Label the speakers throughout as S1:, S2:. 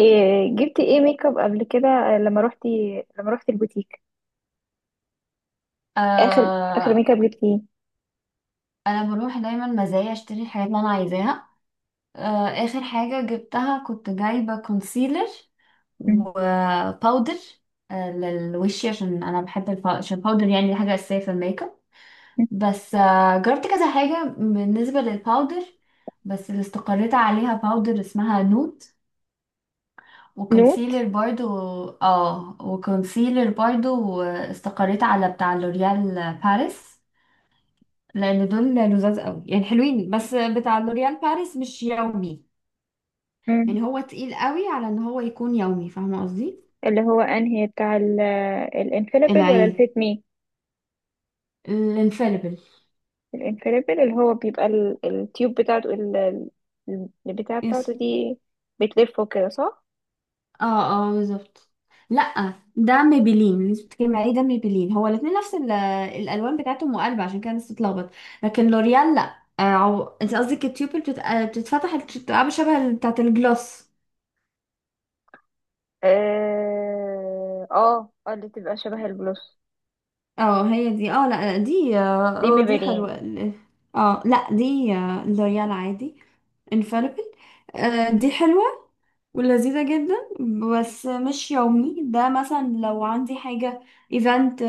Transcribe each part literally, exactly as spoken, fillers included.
S1: إيه جبتي ايه ميك اب قبل كده، آه، لما روحتي لما روحتي البوتيك. اخر اخر
S2: آه
S1: ميك اب جبتي ايه؟
S2: انا بروح دايما مزايا، اشتري الحاجات اللي انا عايزاها. آه اخر حاجه جبتها كنت جايبه كونسيلر
S1: مم.
S2: وباودر آه للوش، عشان انا بحب الب- عشان الباودر، يعني دي حاجه اساسيه في الميك اب.
S1: مم.
S2: بس آه جربت كذا حاجه بالنسبه للباودر، بس اللي استقريت عليها باودر اسمها نوت،
S1: نوت.
S2: وكونسيلر برضو. اه، وكونسيلر برضو استقريت على بتاع لوريال باريس، لان دول لذاذ قوي يعني حلوين. بس بتاع لوريال باريس مش يومي،
S1: مم.
S2: يعني هو تقيل قوي على ان هو يكون يومي، فاهمه قصدي؟
S1: اللي هو انهي بتاع، الانفاليبل ولا
S2: العين
S1: الفيت مي؟
S2: الانفاليبل.
S1: الانفاليبل اللي هو بيبقى ال- التيوب بتاعته، ال- ال- البتاع
S2: يس.
S1: بتاعته دي، بتلفه كده، صح؟
S2: اه، اه، بالظبط. لا، ده ميبيلين اللي انت بتتكلمي عليه، ده ميبيلين هو الاثنين نفس ال- الالوان بتاعتهم مقلبه، عشان كده الناس تتلخبط. لكن لوريال لا، آه، عو... انت قصدك التيوبل بتت... آه، بتتفتح، بتبقى شبه بتاعت الجلوس.
S1: اه، اه، آه، اللي تبقى شبه البلوس.
S2: اه، هي دي. اه، لا دي.
S1: دي
S2: اه، آه، دي
S1: ميبرين.
S2: حلوه. اه، لا دي آه، لوريال عادي. infallible. آه، دي حلوة ولذيذة جدا. بس مش يومي. ده مثلا لو عندي حاجة ايفنت،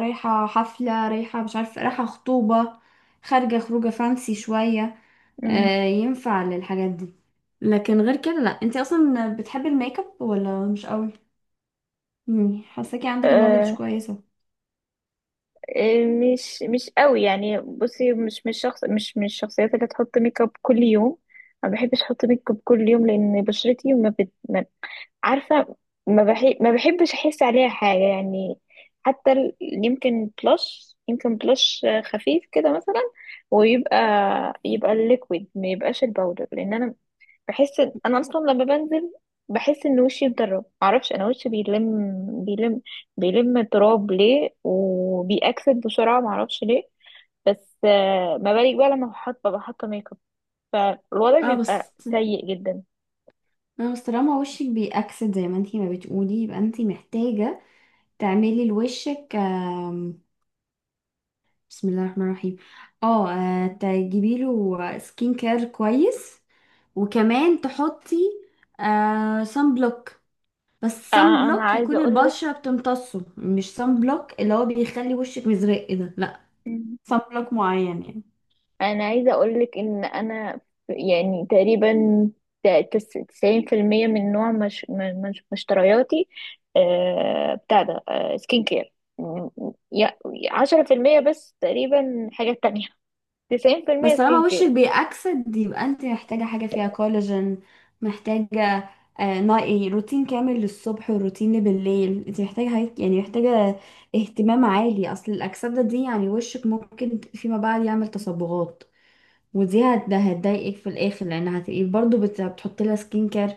S2: رايحة حفلة، رايحة مش عارفة، رايحة خطوبة، خارجة خروجة فانسي شوية، آه، ينفع للحاجات دي. لكن غير كده لا. انتي اصلا بتحبي الميك اب ولا مش قوي؟ مم، حاساكي عندك نولج كويسة.
S1: إيه، مش مش قوي. يعني بصي، مش مش شخص، مش من الشخصيات اللي تحط ميك اب كل يوم. ما بحبش احط ميك اب كل يوم لان بشرتي ما, بت... ما عارفه، ما بحب ما بحبش احس عليها حاجه يعني. حتى ال- يمكن بlush يمكن بلش خفيف كده مثلا، ويبقى يبقى الليكويد، ما يبقاش الباودر. لان انا بحس ان انا اصلا لما بنزل، بحس ان وشي مدرب، معرفش، انا وشي بيلم بيلم بيلم تراب ليه، وبيأكسد بسرعه، معرفش ليه. بس آه، ما بالك بقى لما بحط، ببقى حاطه ميك اب، فالوضع
S2: اه بس،
S1: بيبقى سيء جدا.
S2: اه بس طالما وشك بيأكسد زي ما انتي ما بتقولي، يبقى انتي محتاجة تعملي لوشك بسم الله الرحمن الرحيم، اه، آه، تجيبي له سكين كير كويس، وكمان تحطي آه سان بلوك. بس سان
S1: آه، انا
S2: بلوك
S1: عايزه
S2: يكون
S1: اقولك
S2: البشرة بتمتصه، مش سان بلوك اللي هو بيخلي وشك مزرق ده لا، سان بلوك معين يعني.
S1: انا عايزه اقولك ان انا، ف- يعني تقريبا تسعين في المية من نوع، مش م- مش مشترياتي، آه، بتاع ده، سكين كير. عشرة في المية بس تقريبا حاجات تانية، تسعين في المية
S2: بس طالما
S1: سكين كير.
S2: وشك بيأكسد يبقى انت محتاجة حاجة فيها كولاجين، محتاجة آه نوع- إيه، روتين كامل للصبح وروتين بالليل. انت محتاجة حاجات- يعني محتاجة اهتمام عالي، اصل الأكسدة دي يعني وشك ممكن فيما بعد يعمل تصبغات، ودي هت- ده هتضايقك في الاخر، لان هتبقي برضه بت- بتحطي لها سكين كير،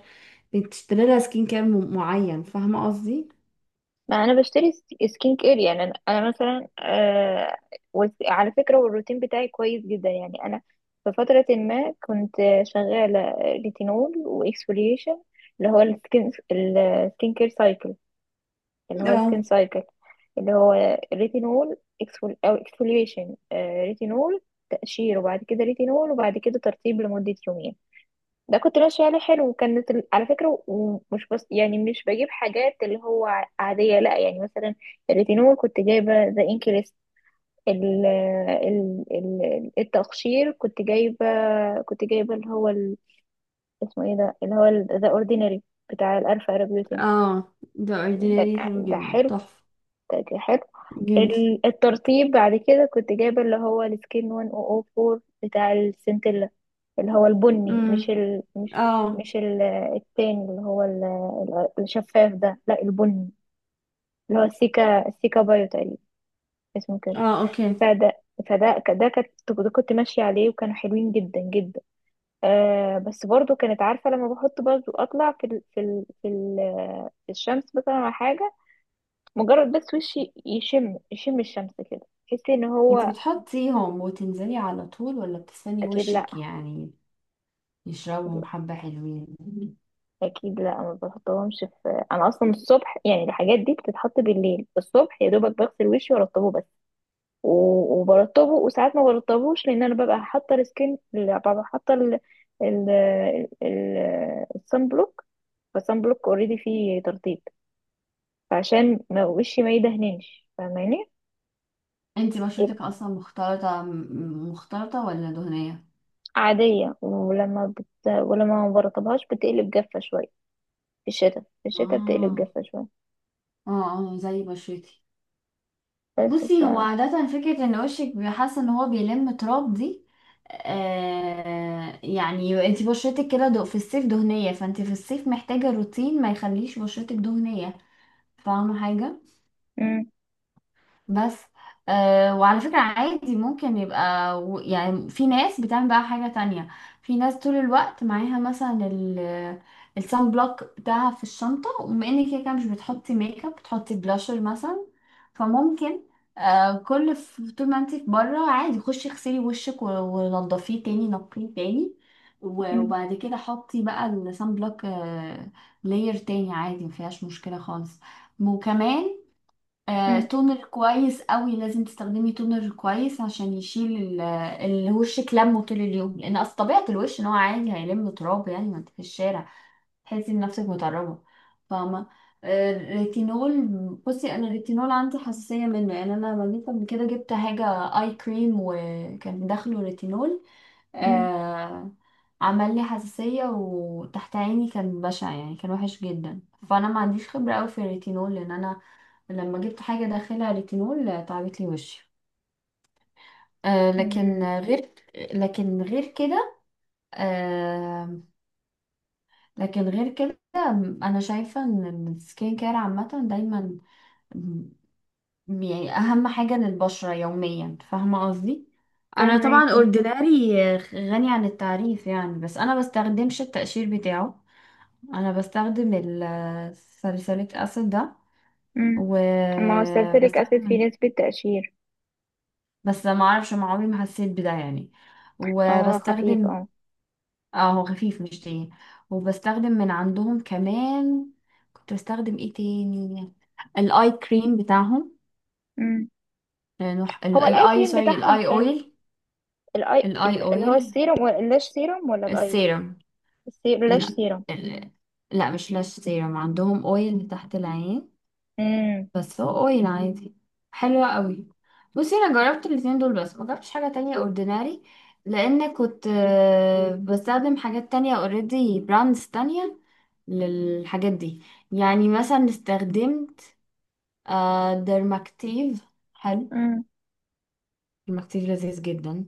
S2: بتشتري لها سكين كير م- معين، فاهمة قصدي؟
S1: ما انا بشتري س- سكين كير يعني. انا أنا مثلا، آه، وس- على فكرة، والروتين بتاعي كويس جدا يعني. انا في فترة ما كنت شغالة ريتينول واكسفوليشن، اللي هو السكين السكين كير سايكل، اللي هو السكين
S2: اه.
S1: سايكل، اللي هو ريتينول، اكسفول او اكسفوليشن، ريتينول، تقشير، وبعد كده ريتينول، وبعد كده ترطيب لمدة يومين. ده كنت ماشية عليه حلو. وكانت ال- على فكرة، ومش بس يعني مش بجيب حاجات اللي هو ع- عادية، لا، يعني مثلا الريتينول كنت جايبة ذا انكريست، ال ال ال التقشير كنت جايبة كنت جايبة اللي هو ال- اسمه ايه ده، اللي هو ذا اوردينري، بتاع الالفا ارابيوتين.
S2: اه، ده
S1: ده
S2: اورديناري حلو
S1: ده
S2: جدا،
S1: حلو،
S2: تحفة
S1: اوكي، حلو.
S2: جدا.
S1: ال- الترطيب بعد كده كنت جايبة اللي هو السكين ألف وأربعة بتاع السنتيلا، اللي هو البني، مش
S2: امم.
S1: ال... مش
S2: اه.
S1: مش ال... التاني اللي هو ال... ال- الشفاف ده، لا، البني، اللي هو السيكا السيكا بايو تقريبا، اسمه كده.
S2: اه، اوكي.
S1: فده فده ك- ده كنت ده كنت ماشية عليه، وكانوا حلوين جدا جدا. آه بس برضو كانت عارفة لما بحط برضو، اطلع في ال... في ال... في, ال... في الشمس مثلا على حاجة، مجرد بس وشي يشم يشم الشمس كده، تحسي ان
S2: انت
S1: هو،
S2: بتحطيهم وتنزلي على طول ولا بتستني
S1: اكيد لا،
S2: وشك يعني
S1: اكيد
S2: يشربهم
S1: لا،
S2: حبة؟ حلوين.
S1: اكيد لا. ما بحطهمش في انا اصلا الصبح، يعني الحاجات دي بتتحط بالليل. الصبح يا دوبك بغسل وشي وارطبه بس. و- وبرطبه، وساعات ما برطبوش لان انا ببقى حاطه السكين ال- ببقى حاطه ال ال ال الصن بلوك، فالصن بلوك اوريدي فيه ترطيب، فعشان ما وشي ما يدهننش، فاهماني؟
S2: انت بشرتك
S1: يبقى
S2: اصلا مختلطة، م- مختلطة ولا دهنية؟
S1: عاديه، ولما بت... ولما ما برطبهاش بتقلب جافه شويه، في الشتاء في الشتاء بتقلب
S2: اه.
S1: جافة شوية.
S2: اه اه، زي بشرتي.
S1: بس ف
S2: بصي، هو عادة فكرة ان وشك حاسة ان هو بيلم تراب دي، آه، يعني انت بشرتك كده دو- في الصيف دهنية، فانت في الصيف محتاجة روتين ما يخليش بشرتك دهنية، فاهمة حاجة؟
S1: مم.
S2: بس آه، وعلى فكرة عادي ممكن يبقى و- يعني في ناس بتعمل بقى حاجة تانية. في ناس طول الوقت معاها مثلا ال السان بلوك بتاعها في الشنطة، وبما انك كده كده مش بتحطي ميك اب، بتحطي بلاشر مثلا، فممكن آه كل ف- طول ما انتي بره عادي خشي اغسلي وشك و- ونضفيه تاني، نقيه تاني، و-
S1: مم.
S2: وبعد كده حطي بقى السان بلوك آه لاير تاني عادي، مفيهاش مشكلة خالص. وكمان آه،
S1: مم.
S2: تونر كويس قوي، لازم تستخدمي تونر كويس عشان يشيل ال- الوش كلامه طول اليوم، لان اصل طبيعه الوش ان هو عادي هيلم تراب، يعني ما انت في الشارع تحسي بنفسك متربه، فاهمه؟ آه، الريتينول، بصي انا الريتينول عندي حساسيه منه، يعني انا لما جيت قبل كده جبت حاجه اي كريم وكان داخله ريتينول،
S1: مم.
S2: آه، عمل لي حساسيه، وتحت عيني كان بشع يعني، كان وحش جدا. فانا ما عنديش خبره قوي في الريتينول، لان انا لما جبت حاجة داخلها ريتينول آه، تعبت لي وشي. آه، لكن
S1: مم.
S2: غير، لكن غير كده آه، لكن غير كده أنا شايفة إن السكين كير عامة دايما م- يعني أهم حاجة للبشرة يوميا، فاهمة قصدي؟ أنا طبعا
S1: فهماكي.
S2: اورديناري غني عن التعريف يعني، بس أنا بستخدمش التقشير بتاعه، أنا بستخدم الساليسيليك أسيد ده،
S1: مم. ما هو السلسليك أسيد فيه
S2: وبستخدم،
S1: نسبة تقشير.
S2: بس ما اعرفش، ما عمري ما حسيت بده يعني.
S1: هو خفيف،
S2: وبستخدم،
S1: اه.
S2: اه هو خفيف مش تاني. وبستخدم من عندهم كمان، كنت بستخدم ايه تاني؟ الاي كريم بتاعهم،
S1: مم.
S2: لأنه ح- ال-
S1: هو الآي
S2: الاي
S1: كريم
S2: سوري
S1: بتاعهم
S2: الاي
S1: حلو؟
S2: اويل.
S1: الآي،
S2: الاي
S1: ال- اللي هو
S2: اويل
S1: السيروم، ولا اللاش سيروم، ولا الآي، ولا؟
S2: السيرم.
S1: السي- اللاش
S2: لا،
S1: سيروم.
S2: ال- لا مش لاش سيرم، عندهم اويل تحت العين،
S1: مم.
S2: بس هو اويل عادي، حلوة قوي. بصي انا جربت الاتنين دول بس، ما جربتش حاجة تانية اورديناري، لان كنت آه، بستخدم حاجات تانية، اوريدي براندز تانية للحاجات دي. يعني مثلا استخدمت آه، ديرماكتيف، حلو.
S1: مم.
S2: ديرماكتيف لذيذ جدا،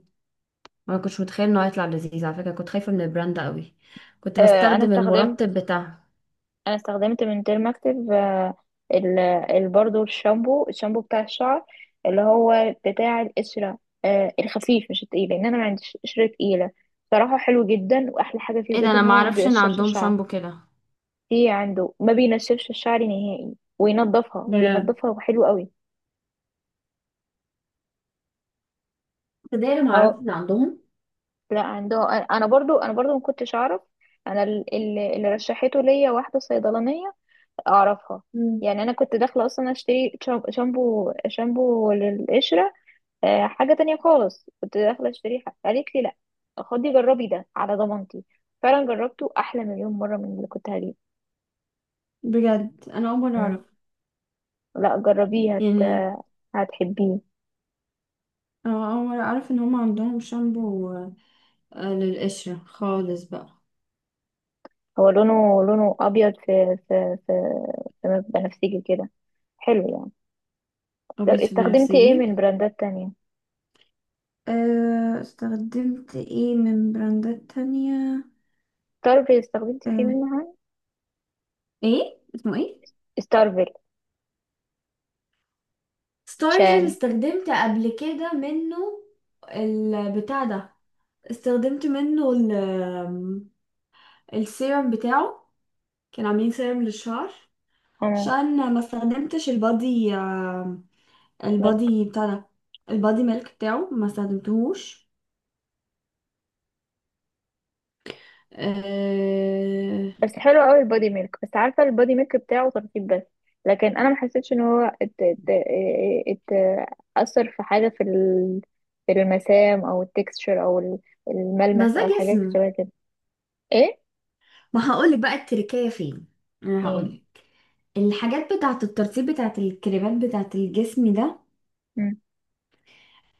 S2: ما كنتش متخيل انه هيطلع لذيذ، على فكرة كنت خايفة من البراند ده قوي. كنت
S1: آه أنا
S2: بستخدم المرطب
S1: استخدمت
S2: بتاعهم.
S1: انا استخدمت من ديرماكتيف، آه، ال ال- برضو، الشامبو الشامبو بتاع الشعر، اللي هو بتاع القشرة، آه، الخفيف، مش التقيل، لان انا ما عنديش قشرة تقيلة. صراحة حلو جدا، واحلى حاجة فيه
S2: ايه ده،
S1: بجد
S2: انا
S1: ان
S2: ما
S1: هو ما
S2: اعرفش ان
S1: بيقشرش
S2: عندهم
S1: الشعر.
S2: شامبو كده.
S1: في عنده، ما بينشفش الشعر نهائي، وينضفها،
S2: بجد؟
S1: بينضفها، وحلو قوي.
S2: ده ما اعرفش
S1: اه،
S2: ان عندهم.
S1: لا، عنده. انا برضو، انا برضو ما كنتش اعرف. انا ال- اللي اللي رشحته ليا واحدة صيدلانية اعرفها.
S2: مم.
S1: يعني انا كنت داخله اصلا اشتري، شام- شامبو شامبو للقشره، آه، حاجة تانية خالص كنت داخلة اشتري حاجة، قالت لي، لا، خدي جربي ده على ضمانتي. فعلا جربته أحلى مليون مرة من اللي كنت هجيبه.
S2: بجد انا اول مرة
S1: مم.
S2: اعرف،
S1: لا جربيه، هت...
S2: يعني
S1: هتحبيه.
S2: انا اول مرة اعرف ان هم عندهم شامبو آه، للقشرة خالص بقى.
S1: هو لونه، لونه أبيض، في في في, في بنفسجي كده، حلو يعني. طب
S2: ابيض في
S1: استخدمتي ايه
S2: بنفسجي.
S1: من براندات تانية؟
S2: آه، استخدمت ايه من براندات تانية؟
S1: ستارفيل، استخدمتي فيه
S2: آه،
S1: منها؟
S2: ايه اسمه ايه؟
S1: ستارفيل
S2: ستارفل
S1: شان.
S2: استخدمت قبل كده منه، البتاع ده. استخدمت منه ال- السيرم بتاعه، كان عاملين سيرم للشعر،
S1: اه،
S2: عشان ما استخدمتش البادي، البادي بتاع ده، البادي ميلك بتاعه ما استخدمتهوش. أه...
S1: بس حلو قوي البودي ميلك. بس عارفه، البودي ميلك بتاعه ترطيب بس، لكن انا ما حسيتش ان هو، ات ات ات اثر في حاجه في ال- في المسام، او التكستشر، او ال-
S2: بس
S1: الملمس،
S2: ده
S1: او الحاجات
S2: جسم.
S1: شبه كده. ايه،
S2: ما هقولك بقى التركية فين، انا
S1: ايه.
S2: هقولك. الحاجات بتاعة الترطيب بتاعة الكريمات بتاعة الجسم ده
S1: مم.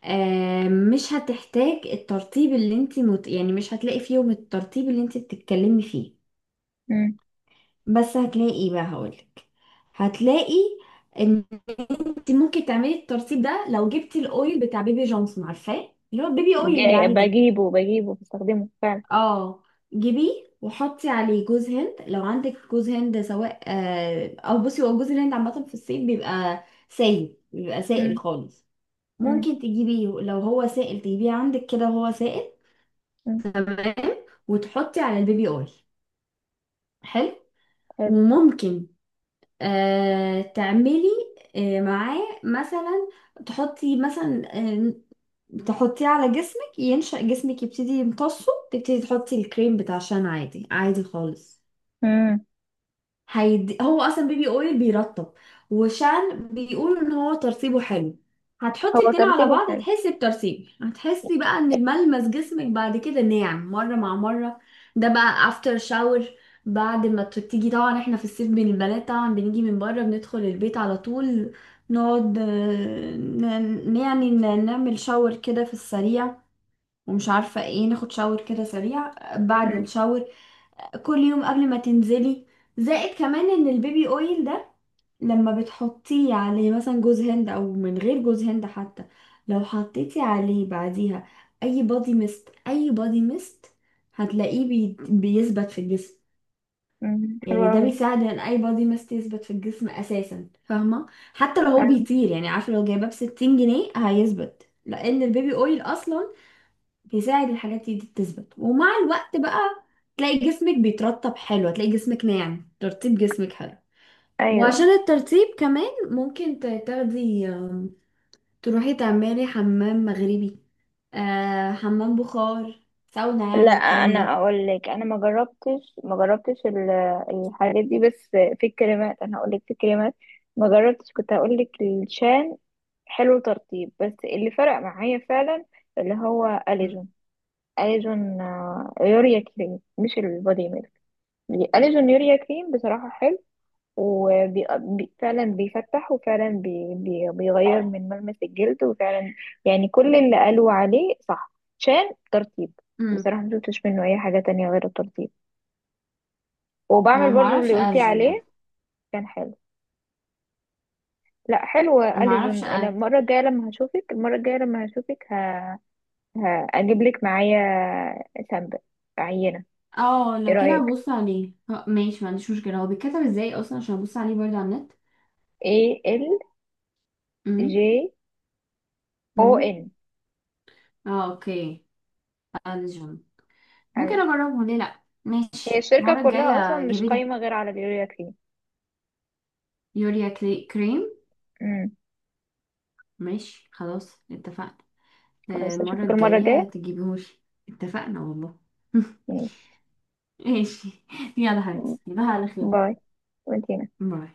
S2: أه... مش هتحتاج الترطيب اللي انت مت... يعني مش هتلاقي فيهم الترطيب اللي انت بتتكلمي فيه.
S1: مم.
S2: بس هتلاقي ايه بقى، هقولك، هتلاقي ان انت ممكن تعملي الترطيب ده لو جبتي الاويل بتاع بيبي جونسون، عارفاه، اللي هو بيبي اويل
S1: جاي-
S2: العادي.
S1: بجيبه بجيبه، بستخدمه فعلا.
S2: اه، جيبيه وحطي عليه جوز هند لو عندك جوز هند، سواء آه، او بصي هو جوز الهند عامه في الصيف بيبقى سايل، بيبقى سائل
S1: مم.
S2: خالص.
S1: مم.
S2: ممكن تجيبيه لو هو سائل، تجيبيه عندك كده وهو سائل.
S1: مم.
S2: تمام. وتحطي على البيبي اويل، حلو.
S1: حلو.
S2: وممكن آه تعملي آه معاه مثلا، تحطي مثلا آه تحطيه على جسمك، ينشأ جسمك يبتدي يمتصه، تبتدي تحطي الكريم بتاع شان عادي، عادي خالص،
S1: مم.
S2: هيدي هو اصلا بيبي اويل بيرطب، وشان بيقولوا ان هو ترطيبه حلو. هتحطي
S1: هو
S2: الاتنين على
S1: ترتيبه
S2: بعض
S1: حلو.
S2: هتحسي بترطيب، هتحسي بقى ان ملمس جسمك بعد كده ناعم مره مع مره. ده بقى افتر شاور، بعد ما ت- تيجي طبعا، احنا في الصيف بين البنات طبعا بنيجي من بره، بندخل البيت على طول، نقعد آه، ن- يعني ن- نعمل شاور كده في السريع، ومش عارفه ايه، ناخد شاور كده سريع. بعد
S1: مم.
S2: الشاور كل يوم قبل ما تنزلي، زائد كمان ان البيبي اويل ده لما بتحطيه عليه مثلا جوز هند او من غير جوز هند حتى، لو حطيتي عليه بعديها اي بادي ميست، اي بادي ميست هتلاقيه بي... بيثبت في الجسم.
S1: مم. حلو
S2: يعني ده
S1: قوي.
S2: بيساعد ان اي بادي ميست يثبت في الجسم اساسا، فاهمه؟ حتى لو هو بيطير يعني، عارفه لو جايباه ب ستين جنيه هيثبت، لان البيبي اويل اصلا بيساعد الحاجات دي دي تثبت. ومع الوقت بقى تلاقي جسمك بيترطب حلو، هتلاقي جسمك ناعم، ترطيب جسمك حلو. وعشان
S1: ايوه.
S2: الترطيب كمان ممكن ت- تاخدي آم، تروحي تعملي حمام مغربي، آه، حمام بخار، ساونا،
S1: لا
S2: يعني الكلام
S1: انا
S2: ده.
S1: اقول لك، انا ما جربتش ما جربتش ال- الحاجات دي، بس في الكريمات، انا هقول لك في الكريمات ما جربتش، كنت هقول لك الشان، حلو، ترطيب بس. اللي فرق معايا فعلا، اللي هو
S2: مم.
S1: اليجون. اليجون، آه، يوريا كريم، مش البودي ميلك. اليجون يوريا كريم، بصراحة حلو، وفعلا بيفتح، وفعلا بي بي بيغير من ملمس الجلد، وفعلا يعني كل اللي قالوا عليه صح، عشان ترطيب.
S2: مم.
S1: بصراحة مشفتش منه أي حاجة تانية غير الترطيب،
S2: انا
S1: وبعمل
S2: ما
S1: برضو
S2: اعرفش
S1: اللي قلتي
S2: ارجن ده،
S1: عليه. كان حلو. لا، حلوة
S2: ما
S1: أليزون.
S2: اعرفش
S1: أنا
S2: أ-
S1: المرة الجاية لما هشوفك المرة الجاية لما هشوفك ه... هجيب لك معايا سامبل، عينة.
S2: اه
S1: ايه
S2: لو كده
S1: رأيك؟
S2: هبص عليه، آه، ماشي ما عنديش مشكله، هو بيتكتب ازاي اصلا عشان ابص عليه برضه على النت.
S1: A L
S2: امم.
S1: J O
S2: امم.
S1: N
S2: اه، اوكي. ارجن، ممكن
S1: أليزون.
S2: اجربه، ليه لا،
S1: هي
S2: ماشي
S1: الشركة
S2: المره
S1: كلها أصلا
S2: الجايه
S1: مش
S2: جيبي لي.
S1: قايمة غير على اليوريا
S2: يوريا كلي- كريم.
S1: كريم.
S2: ماشي خلاص، اتفقنا. آه،
S1: خلاص،
S2: المره
S1: اشوفك المرة
S2: الجايه
S1: الجاية.
S2: تجيبهوش. اتفقنا والله. ماشي. يلا حبيبتي تصبحي على خير.
S1: باي. وانتي.
S2: باي.